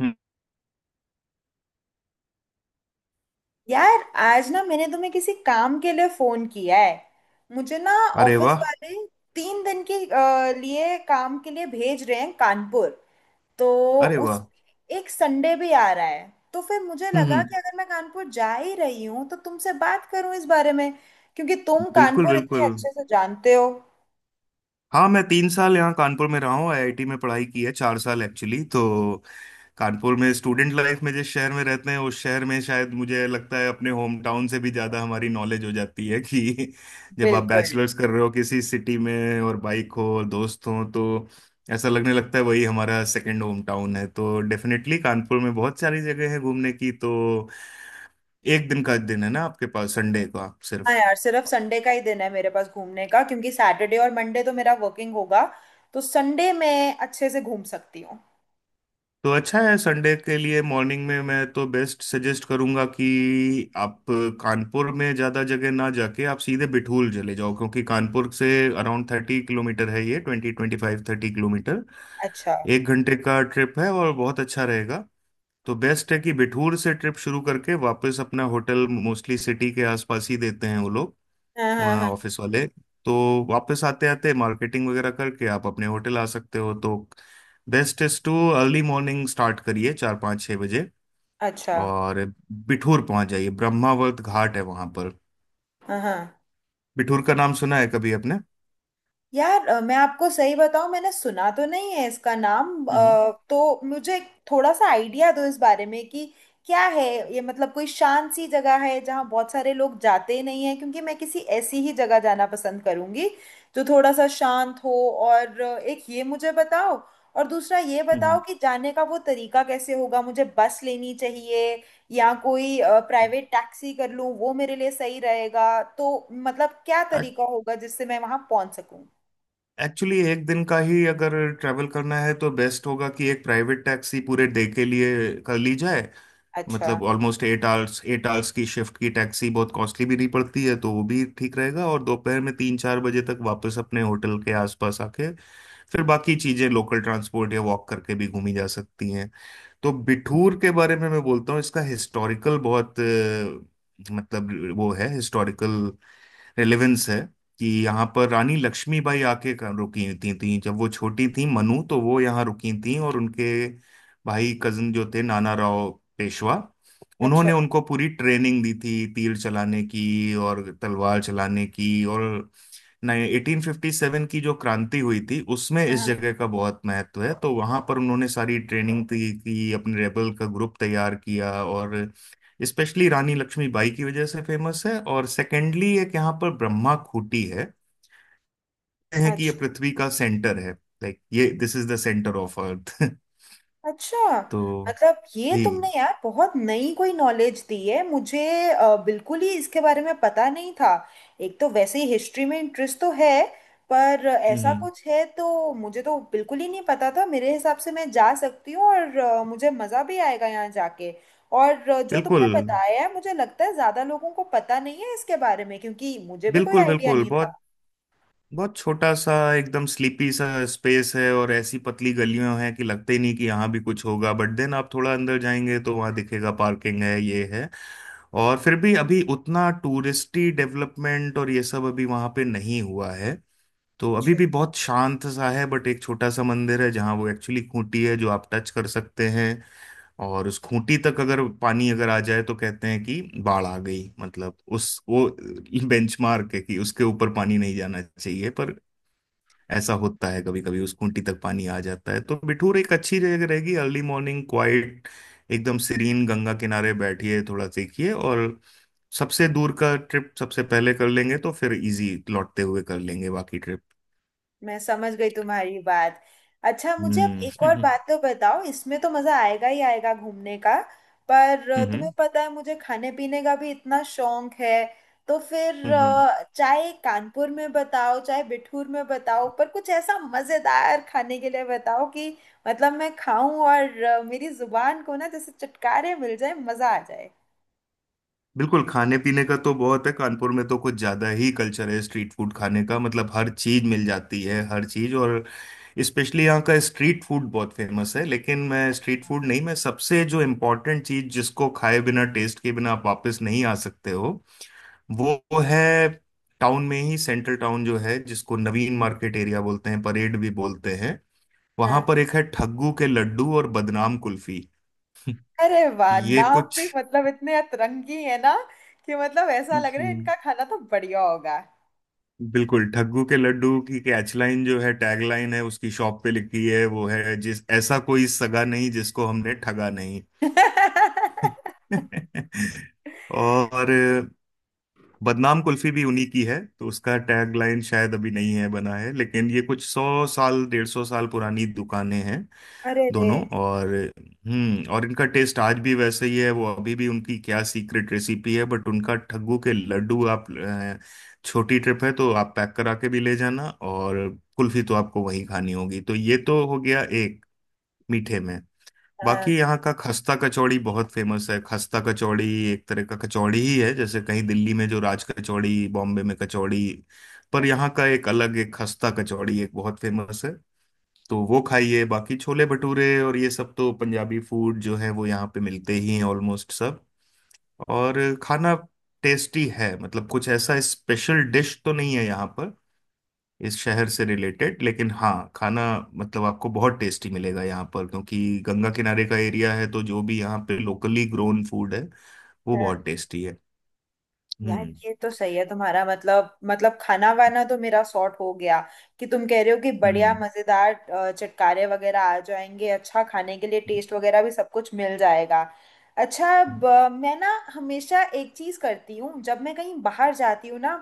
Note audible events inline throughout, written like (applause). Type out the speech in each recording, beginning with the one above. हम्म। यार, आज ना मैंने तुम्हें किसी काम के लिए फोन किया है। मुझे ना अरे ऑफिस वाह। वाले 3 दिन के लिए काम के लिए भेज रहे हैं कानपुर। तो अरे उस वाह। एक संडे भी आ रहा है तो फिर मुझे हम्म लगा हम्म। कि अगर मैं कानपुर जा ही रही हूँ तो तुमसे बात करूँ इस बारे में। क्योंकि तुम बिल्कुल कानपुर इतने बिल्कुल। अच्छे से जानते हो। हाँ, मैं तीन साल यहाँ कानपुर में रहा हूँ, आईआईटी में पढ़ाई की है, चार साल एक्चुअली। तो कानपुर में स्टूडेंट लाइफ में जिस शहर में रहते हैं उस शहर में शायद मुझे लगता है अपने होम टाउन से भी ज़्यादा हमारी नॉलेज हो जाती है कि (laughs) जब आप बिल्कुल। बैचलर्स कर रहे हो किसी सिटी में और बाइक हो और दोस्त हो तो ऐसा लगने लगता है वही हमारा सेकेंड होम टाउन है। तो डेफिनेटली कानपुर में बहुत सारी जगह है घूमने की। तो एक दिन का दिन है ना आपके पास, संडे का हाँ सिर्फ। यार, सिर्फ संडे का ही दिन है मेरे पास घूमने का, क्योंकि सैटरडे और मंडे तो मेरा वर्किंग होगा। तो संडे मैं अच्छे से घूम सकती हूँ। तो अच्छा है, संडे के लिए मॉर्निंग में मैं तो बेस्ट सजेस्ट करूंगा कि आप कानपुर में ज़्यादा जगह ना जाके आप सीधे बिठूल चले जाओ, क्योंकि कानपुर से अराउंड थर्टी किलोमीटर है ये, twenty twenty five thirty kilometre. अच्छा। एक घंटे का ट्रिप है और बहुत अच्छा रहेगा। तो बेस्ट है कि बिठूर से ट्रिप शुरू करके वापस, अपना होटल मोस्टली सिटी के आसपास ही देते हैं वो लोग, हाँ हाँ। वहाँ ऑफिस वाले। तो वापस आते आते मार्केटिंग वगैरह करके आप अपने होटल आ सकते हो। तो best is to early morning start करिए चार पाँच छः बजे अच्छा। और बिठूर पहुंच जाइए, ब्रह्मावर्त घाट है वहां पर। हाँ हाँ। बिठूर का नाम सुना है कभी आपने? यार, मैं आपको सही बताऊं, मैंने सुना तो नहीं है इसका नाम। हम्म तो मुझे एक थोड़ा सा आइडिया दो इस बारे में कि क्या है। ये मतलब कोई शांत सी जगह है जहाँ बहुत सारे लोग जाते ही नहीं हैं, क्योंकि मैं किसी ऐसी ही जगह जाना पसंद करूंगी जो थोड़ा सा शांत हो। और एक ये मुझे बताओ, और दूसरा ये बताओ हम्म। कि जाने का वो तरीका कैसे होगा। मुझे बस लेनी चाहिए, या कोई प्राइवेट टैक्सी कर लूं वो मेरे लिए सही रहेगा? तो मतलब क्या तरीका होगा जिससे मैं वहां पहुंच सकूं? एक्चुअली एक दिन का ही अगर ट्रैवल करना है तो बेस्ट होगा कि एक प्राइवेट टैक्सी पूरे डे के लिए कर ली जाए। अच्छा। मतलब ऑलमोस्ट एट आवर्स की शिफ्ट की टैक्सी बहुत कॉस्टली भी नहीं पड़ती है तो वो भी ठीक रहेगा, और दोपहर में तीन चार बजे तक वापस अपने होटल के आसपास आके फिर बाकी चीजें लोकल ट्रांसपोर्ट या वॉक करके भी घूमी जा सकती हैं। तो बिठूर के बारे में मैं बोलता हूँ, इसका हिस्टोरिकल बहुत मतलब वो है हिस्टोरिकल रेलेवेंस है कि यहाँ पर रानी लक्ष्मीबाई आके रुकी थी जब वो छोटी थी, मनु, तो वो यहाँ रुकी थी और उनके भाई कजन जो थे नाना राव पेशवा, अच्छा। उन्होंने उनको पूरी ट्रेनिंग दी थी तीर चलाने की और तलवार चलाने की और नहीं 1857 की जो क्रांति हुई थी उसमें इस हाँ। जगह का बहुत महत्व है, तो वहां पर उन्होंने सारी ट्रेनिंग दी की अपने रेबल का ग्रुप तैयार किया। और स्पेशली रानी लक्ष्मीबाई की वजह से फेमस है, और सेकेंडली एक यहाँ पर ब्रह्मा खूटी है। कहते हैं कि ये अच्छा। पृथ्वी का सेंटर है, लाइक ये, this is the centre of अर्थ। (laughs) अच्छा, तो मतलब ये जी। तुमने यार बहुत नई कोई नॉलेज दी है मुझे। बिल्कुल ही इसके बारे में पता नहीं था। एक तो वैसे ही हिस्ट्री में इंटरेस्ट तो है, पर ऐसा हम्म। कुछ है तो मुझे तो बिल्कुल ही नहीं पता था। मेरे हिसाब से मैं जा सकती हूँ और मुझे मज़ा भी आएगा यहाँ जाके। और जो बिल्कुल तुमने बताया है, मुझे लगता है ज़्यादा लोगों को पता नहीं है इसके बारे में, क्योंकि मुझे भी कोई बिल्कुल। आइडिया बिल्कुल नहीं बहुत था। बहुत छोटा सा एकदम स्लीपी सा स्पेस है और ऐसी पतली गलियां हैं कि लगते ही नहीं कि यहाँ भी कुछ होगा, बट देन आप थोड़ा अंदर जाएंगे तो वहाँ दिखेगा पार्किंग है ये है। और फिर भी अभी उतना टूरिस्टी डेवलपमेंट और ये सब अभी वहाँ पे नहीं हुआ है तो अभी अच्छा। भी बहुत शांत सा है। बट एक छोटा सा मंदिर है जहाँ वो एक्चुअली खूंटी है जो आप टच कर सकते हैं। और उस खूंटी तक अगर पानी अगर आ जाए तो कहते हैं कि बाढ़ आ गई, मतलब उस वो बेंचमार्क है कि उसके ऊपर पानी नहीं जाना चाहिए, पर ऐसा होता है कभी कभी उस खूंटी तक पानी आ जाता है। तो बिठूर एक अच्छी जगह रहेगी, अर्ली मॉर्निंग क्वाइट एकदम सीरीन गंगा किनारे बैठिए, थोड़ा सीखिए, और सबसे दूर का ट्रिप सबसे पहले कर लेंगे तो फिर इजी लौटते हुए कर लेंगे बाकी ट्रिप। मैं समझ गई तुम्हारी बात। अच्छा, मुझे अब एक और हम्म बात तो बताओ। इसमें तो मज़ा आएगा ही आएगा घूमने का, पर तुम्हें हम्म। पता है मुझे खाने पीने का भी इतना शौक है। तो फिर हम्म हम्म। चाहे कानपुर में बताओ चाहे बिठूर में बताओ, पर कुछ ऐसा मज़ेदार खाने के लिए बताओ कि मतलब मैं खाऊं और मेरी जुबान को ना जैसे चटकारे मिल जाए, मज़ा आ जाए। बिल्कुल, खाने पीने का तो बहुत है, कानपुर में तो कुछ ज्यादा ही कल्चर है स्ट्रीट फूड खाने का, मतलब हर चीज मिल जाती है, हर चीज। और स्पेशली यहाँ का स्ट्रीट फूड बहुत फेमस है, लेकिन मैं स्ट्रीट फूड नहीं, मैं सबसे जो इम्पोर्टेंट चीज जिसको खाए बिना टेस्ट के बिना आप वापस नहीं आ सकते हो वो है टाउन में ही, सेंट्रल टाउन जो है जिसको नवीन मार्केट एरिया बोलते हैं, परेड भी बोलते हैं। वहां हाँ। पर एक है ठग्गू के लड्डू और बदनाम कुल्फी। अरे वाह, ये नाम भी कुछ, मतलब इतने अतरंगी है ना कि मतलब ऐसा लग रहा है जी, इनका खाना तो बढ़िया होगा। बिल्कुल, ठग्गू के लड्डू की कैचलाइन जो है, टैगलाइन है, उसकी शॉप पे लिखी है, वो है जिस ऐसा कोई सगा नहीं जिसको हमने ठगा नहीं। (laughs) (laughs) और बदनाम कुल्फी भी उन्हीं की है, तो उसका टैगलाइन शायद अभी नहीं है बना है, लेकिन ये कुछ सौ साल डेढ़ सौ साल पुरानी दुकानें हैं अरे रे। दोनों। और हम्म, और इनका टेस्ट आज भी वैसे ही है, वो अभी भी उनकी क्या सीक्रेट रेसिपी है, बट उनका ठग्गू के लड्डू आप छोटी ट्रिप है तो आप पैक करा के भी ले जाना, और कुल्फी तो आपको वहीं खानी होगी। तो ये तो हो गया एक मीठे में। बाकी हाँ यहाँ का खस्ता कचौड़ी बहुत फेमस है, खस्ता कचौड़ी एक तरह का कचौड़ी ही है जैसे कहीं दिल्ली में जो राज कचौड़ी, बॉम्बे में कचौड़ी, पर यहाँ का एक अलग एक खस्ता कचौड़ी एक बहुत फेमस है। तो वो खाइए, बाकी छोले भटूरे और ये सब तो पंजाबी फूड जो है वो यहाँ पे मिलते ही हैं ऑलमोस्ट सब। और खाना टेस्टी है, मतलब कुछ ऐसा स्पेशल डिश तो नहीं है यहाँ पर इस शहर से रिलेटेड, लेकिन हाँ, खाना मतलब आपको बहुत टेस्टी मिलेगा यहाँ पर क्योंकि गंगा किनारे का एरिया है, तो जो भी यहाँ पे लोकली ग्रोन फूड है वो बहुत हाँ, टेस्टी है। यार हम्म ये तो सही है तुम्हारा। मतलब मतलब खाना वाना तो मेरा सॉर्ट हो गया कि तुम कह रहे हो कि बढ़िया हम्म। मजेदार चटकारे वगैरह आ जाएंगे। अच्छा खाने के लिए टेस्ट वगैरह भी सब कुछ मिल जाएगा। अच्छा, अब मैं ना हमेशा एक चीज करती हूँ जब मैं कहीं बाहर जाती हूँ ना,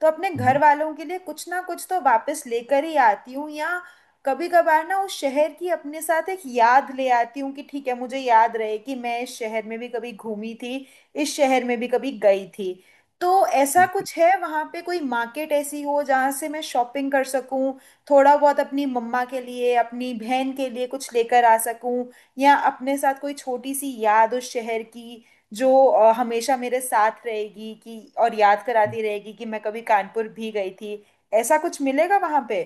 तो अपने हम्म, घर वालों के लिए कुछ ना कुछ तो वापस लेकर ही आती हूँ, या कभी कभार ना उस शहर की अपने साथ एक याद ले आती हूँ कि ठीक है, मुझे याद रहे कि मैं इस शहर में भी कभी घूमी थी, इस शहर में भी कभी गई थी। तो ऐसा हम्म, कुछ है वहाँ पे कोई मार्केट ऐसी हो जहाँ से मैं शॉपिंग कर सकूँ, थोड़ा बहुत अपनी मम्मा के लिए अपनी बहन के लिए कुछ लेकर आ सकूँ, या अपने साथ कोई छोटी सी याद उस शहर की जो हमेशा मेरे साथ रहेगी कि और याद कराती रहेगी कि मैं कभी कानपुर भी गई थी। ऐसा कुछ मिलेगा वहां पे?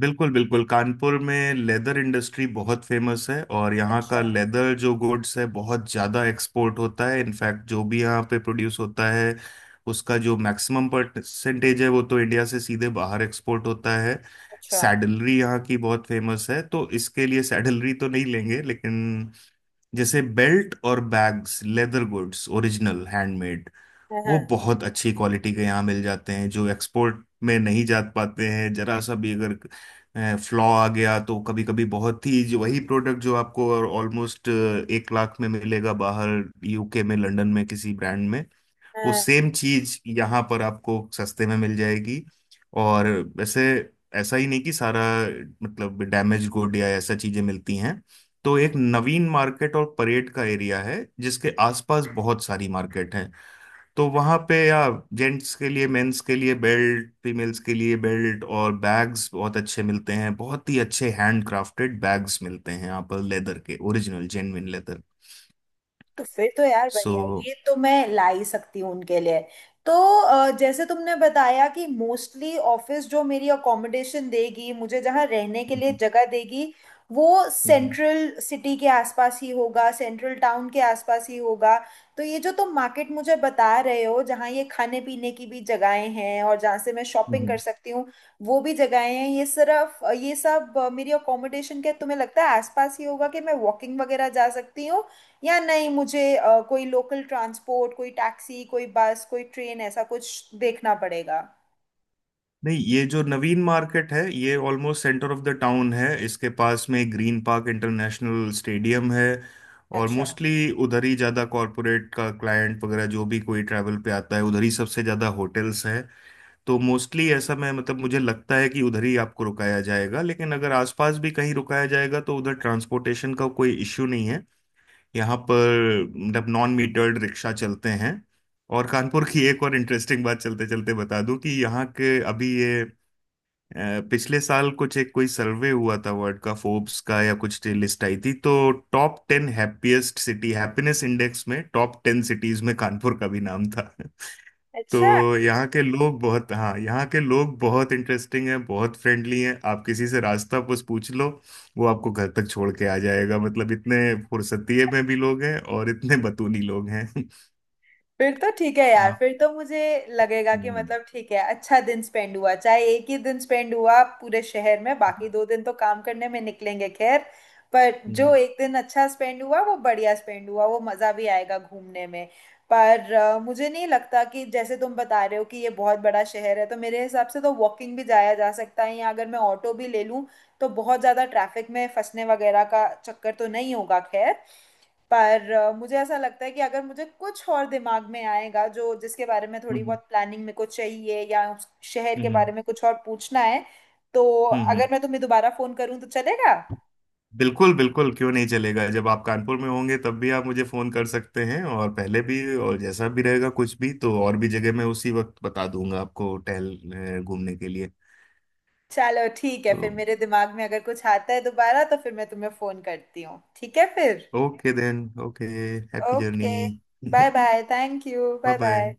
बिल्कुल बिल्कुल, कानपुर में लेदर इंडस्ट्री बहुत फेमस है, और यहाँ का अच्छा। लेदर जो गुड्स है बहुत ज़्यादा एक्सपोर्ट होता है, इनफैक्ट जो भी यहाँ पे प्रोड्यूस होता है उसका जो मैक्सिमम परसेंटेज है वो तो इंडिया से सीधे बाहर एक्सपोर्ट होता है। अच्छा। सैडलरी यहाँ की बहुत फेमस है, तो इसके लिए सैडलरी तो नहीं लेंगे, लेकिन जैसे बेल्ट और bags, leather goods original handmade, वो हाँ बहुत अच्छी क्वालिटी के यहाँ मिल जाते हैं जो एक्सपोर्ट में नहीं जा पाते हैं जरा सा भी अगर फ्लॉ आ गया तो, कभी कभी बहुत ही जो वही प्रोडक्ट जो आपको ऑलमोस्ट एक लाख में मिलेगा बाहर, यूके में, लंदन में किसी ब्रांड में, वो हाँ। सेम चीज यहाँ पर आपको सस्ते में मिल जाएगी। और वैसे ऐसा ही नहीं कि सारा मतलब डैमेज गुड या ऐसा चीजें मिलती हैं। तो एक नवीन मार्केट और परेड का एरिया है जिसके आसपास बहुत सारी मार्केट है, तो वहां पे, या जेंट्स के लिए मेंस के लिए बेल्ट, फीमेल्स के लिए बेल्ट और बैग्स बहुत अच्छे मिलते हैं, बहुत ही अच्छे हैंड क्राफ्टेड बैग्स मिलते हैं यहाँ पर लेदर के ओरिजिनल जेन्युइन लेदर। तो फिर तो यार सो, बढ़िया, ये तो मैं ला ही सकती हूँ उनके लिए। तो जैसे तुमने बताया कि मोस्टली ऑफिस जो मेरी अकोमोडेशन देगी, मुझे जहाँ रहने के लिए जगह देगी वो सेंट्रल सिटी के आसपास ही होगा, सेंट्रल टाउन के आसपास ही होगा। तो ये जो तुम मार्केट मुझे बता रहे हो जहाँ ये खाने पीने की भी जगहें हैं और जहाँ से मैं शॉपिंग कर सकती हूँ वो भी जगहें हैं, ये सिर्फ ये सब मेरी अकोमोडेशन के तुम्हें लगता है आसपास ही होगा कि मैं वॉकिंग वगैरह जा सकती हूँ, या नहीं मुझे कोई लोकल ट्रांसपोर्ट, कोई टैक्सी, कोई बस, कोई ट्रेन ऐसा कुछ देखना पड़ेगा? नहीं, ये जो नवीन मार्केट है ये almost centre of the town है, इसके पास में ग्रीन पार्क इंटरनेशनल स्टेडियम है, और अच्छा। मोस्टली उधर ही ज़्यादा कॉरपोरेट का क्लाइंट वगैरह जो भी कोई ट्रैवल पे आता है उधर ही सबसे ज़्यादा होटल्स हैं। तो मोस्टली ऐसा मैं, मतलब मुझे लगता है कि उधर ही आपको रुकाया जाएगा, लेकिन अगर आसपास भी कहीं रुकाया जाएगा तो उधर ट्रांसपोर्टेशन का कोई इश्यू नहीं है, यहाँ पर मतलब नॉन मीटर्ड रिक्शा चलते हैं। और कानपुर की एक और इंटरेस्टिंग बात चलते चलते बता दूं कि यहाँ के अभी ये पिछले साल कुछ एक कोई सर्वे हुआ था वर्ल्ड का, फोर्ब्स का, या कुछ लिस्ट आई थी तो top ten happiest city, happiness index में टॉप टेन सिटीज में कानपुर का भी नाम था। तो अच्छा। यहाँ के लोग बहुत, हाँ, यहाँ के लोग बहुत इंटरेस्टिंग हैं, बहुत फ्रेंडली हैं, आप किसी से रास्ता बस पूछ लो वो आपको घर तक छोड़ के आ जाएगा, मतलब इतने फुर्सतीये में भी लोग हैं और इतने बतूनी लोग हैं। (laughs) फिर तो ठीक है यार, आप। फिर तो मुझे लगेगा कि हम्म मतलब ठीक है अच्छा दिन स्पेंड हुआ, चाहे एक ही दिन स्पेंड हुआ पूरे शहर में, बाकी 2 दिन तो काम करने में निकलेंगे। खैर, पर हम्म। जो एक दिन अच्छा स्पेंड हुआ वो बढ़िया स्पेंड हुआ, वो मज़ा भी आएगा घूमने में। पर मुझे नहीं लगता कि जैसे तुम बता रहे हो कि ये बहुत बड़ा शहर है, तो मेरे हिसाब से तो वॉकिंग भी जाया जा सकता है, या अगर मैं ऑटो भी ले लूँ तो बहुत ज़्यादा ट्रैफिक में फंसने वगैरह का चक्कर तो नहीं होगा। खैर, पर मुझे ऐसा लगता है कि अगर मुझे कुछ और दिमाग में आएगा जो जिसके बारे में थोड़ी हम्म बहुत प्लानिंग मेरे को चाहिए, या उस शहर के हम्म, बारे में कुछ और पूछना है, तो हम्म। अगर मैं तुम्हें दोबारा फोन करूं तो चलेगा? बिल्कुल बिल्कुल, क्यों नहीं चलेगा, जब आप कानपुर में होंगे तब भी आप मुझे फोन कर सकते हैं और पहले भी, और जैसा भी रहेगा कुछ भी तो और भी जगह मैं उसी वक्त बता दूंगा आपको, घूमने के लिए। चलो ठीक है, तो फिर मेरे दिमाग में अगर कुछ आता है दोबारा तो फिर मैं तुम्हें फोन करती हूँ। ठीक है फिर। Okay then, okay, happy journey, okay. Bye bye bye, thank you. Bye bye. Bye.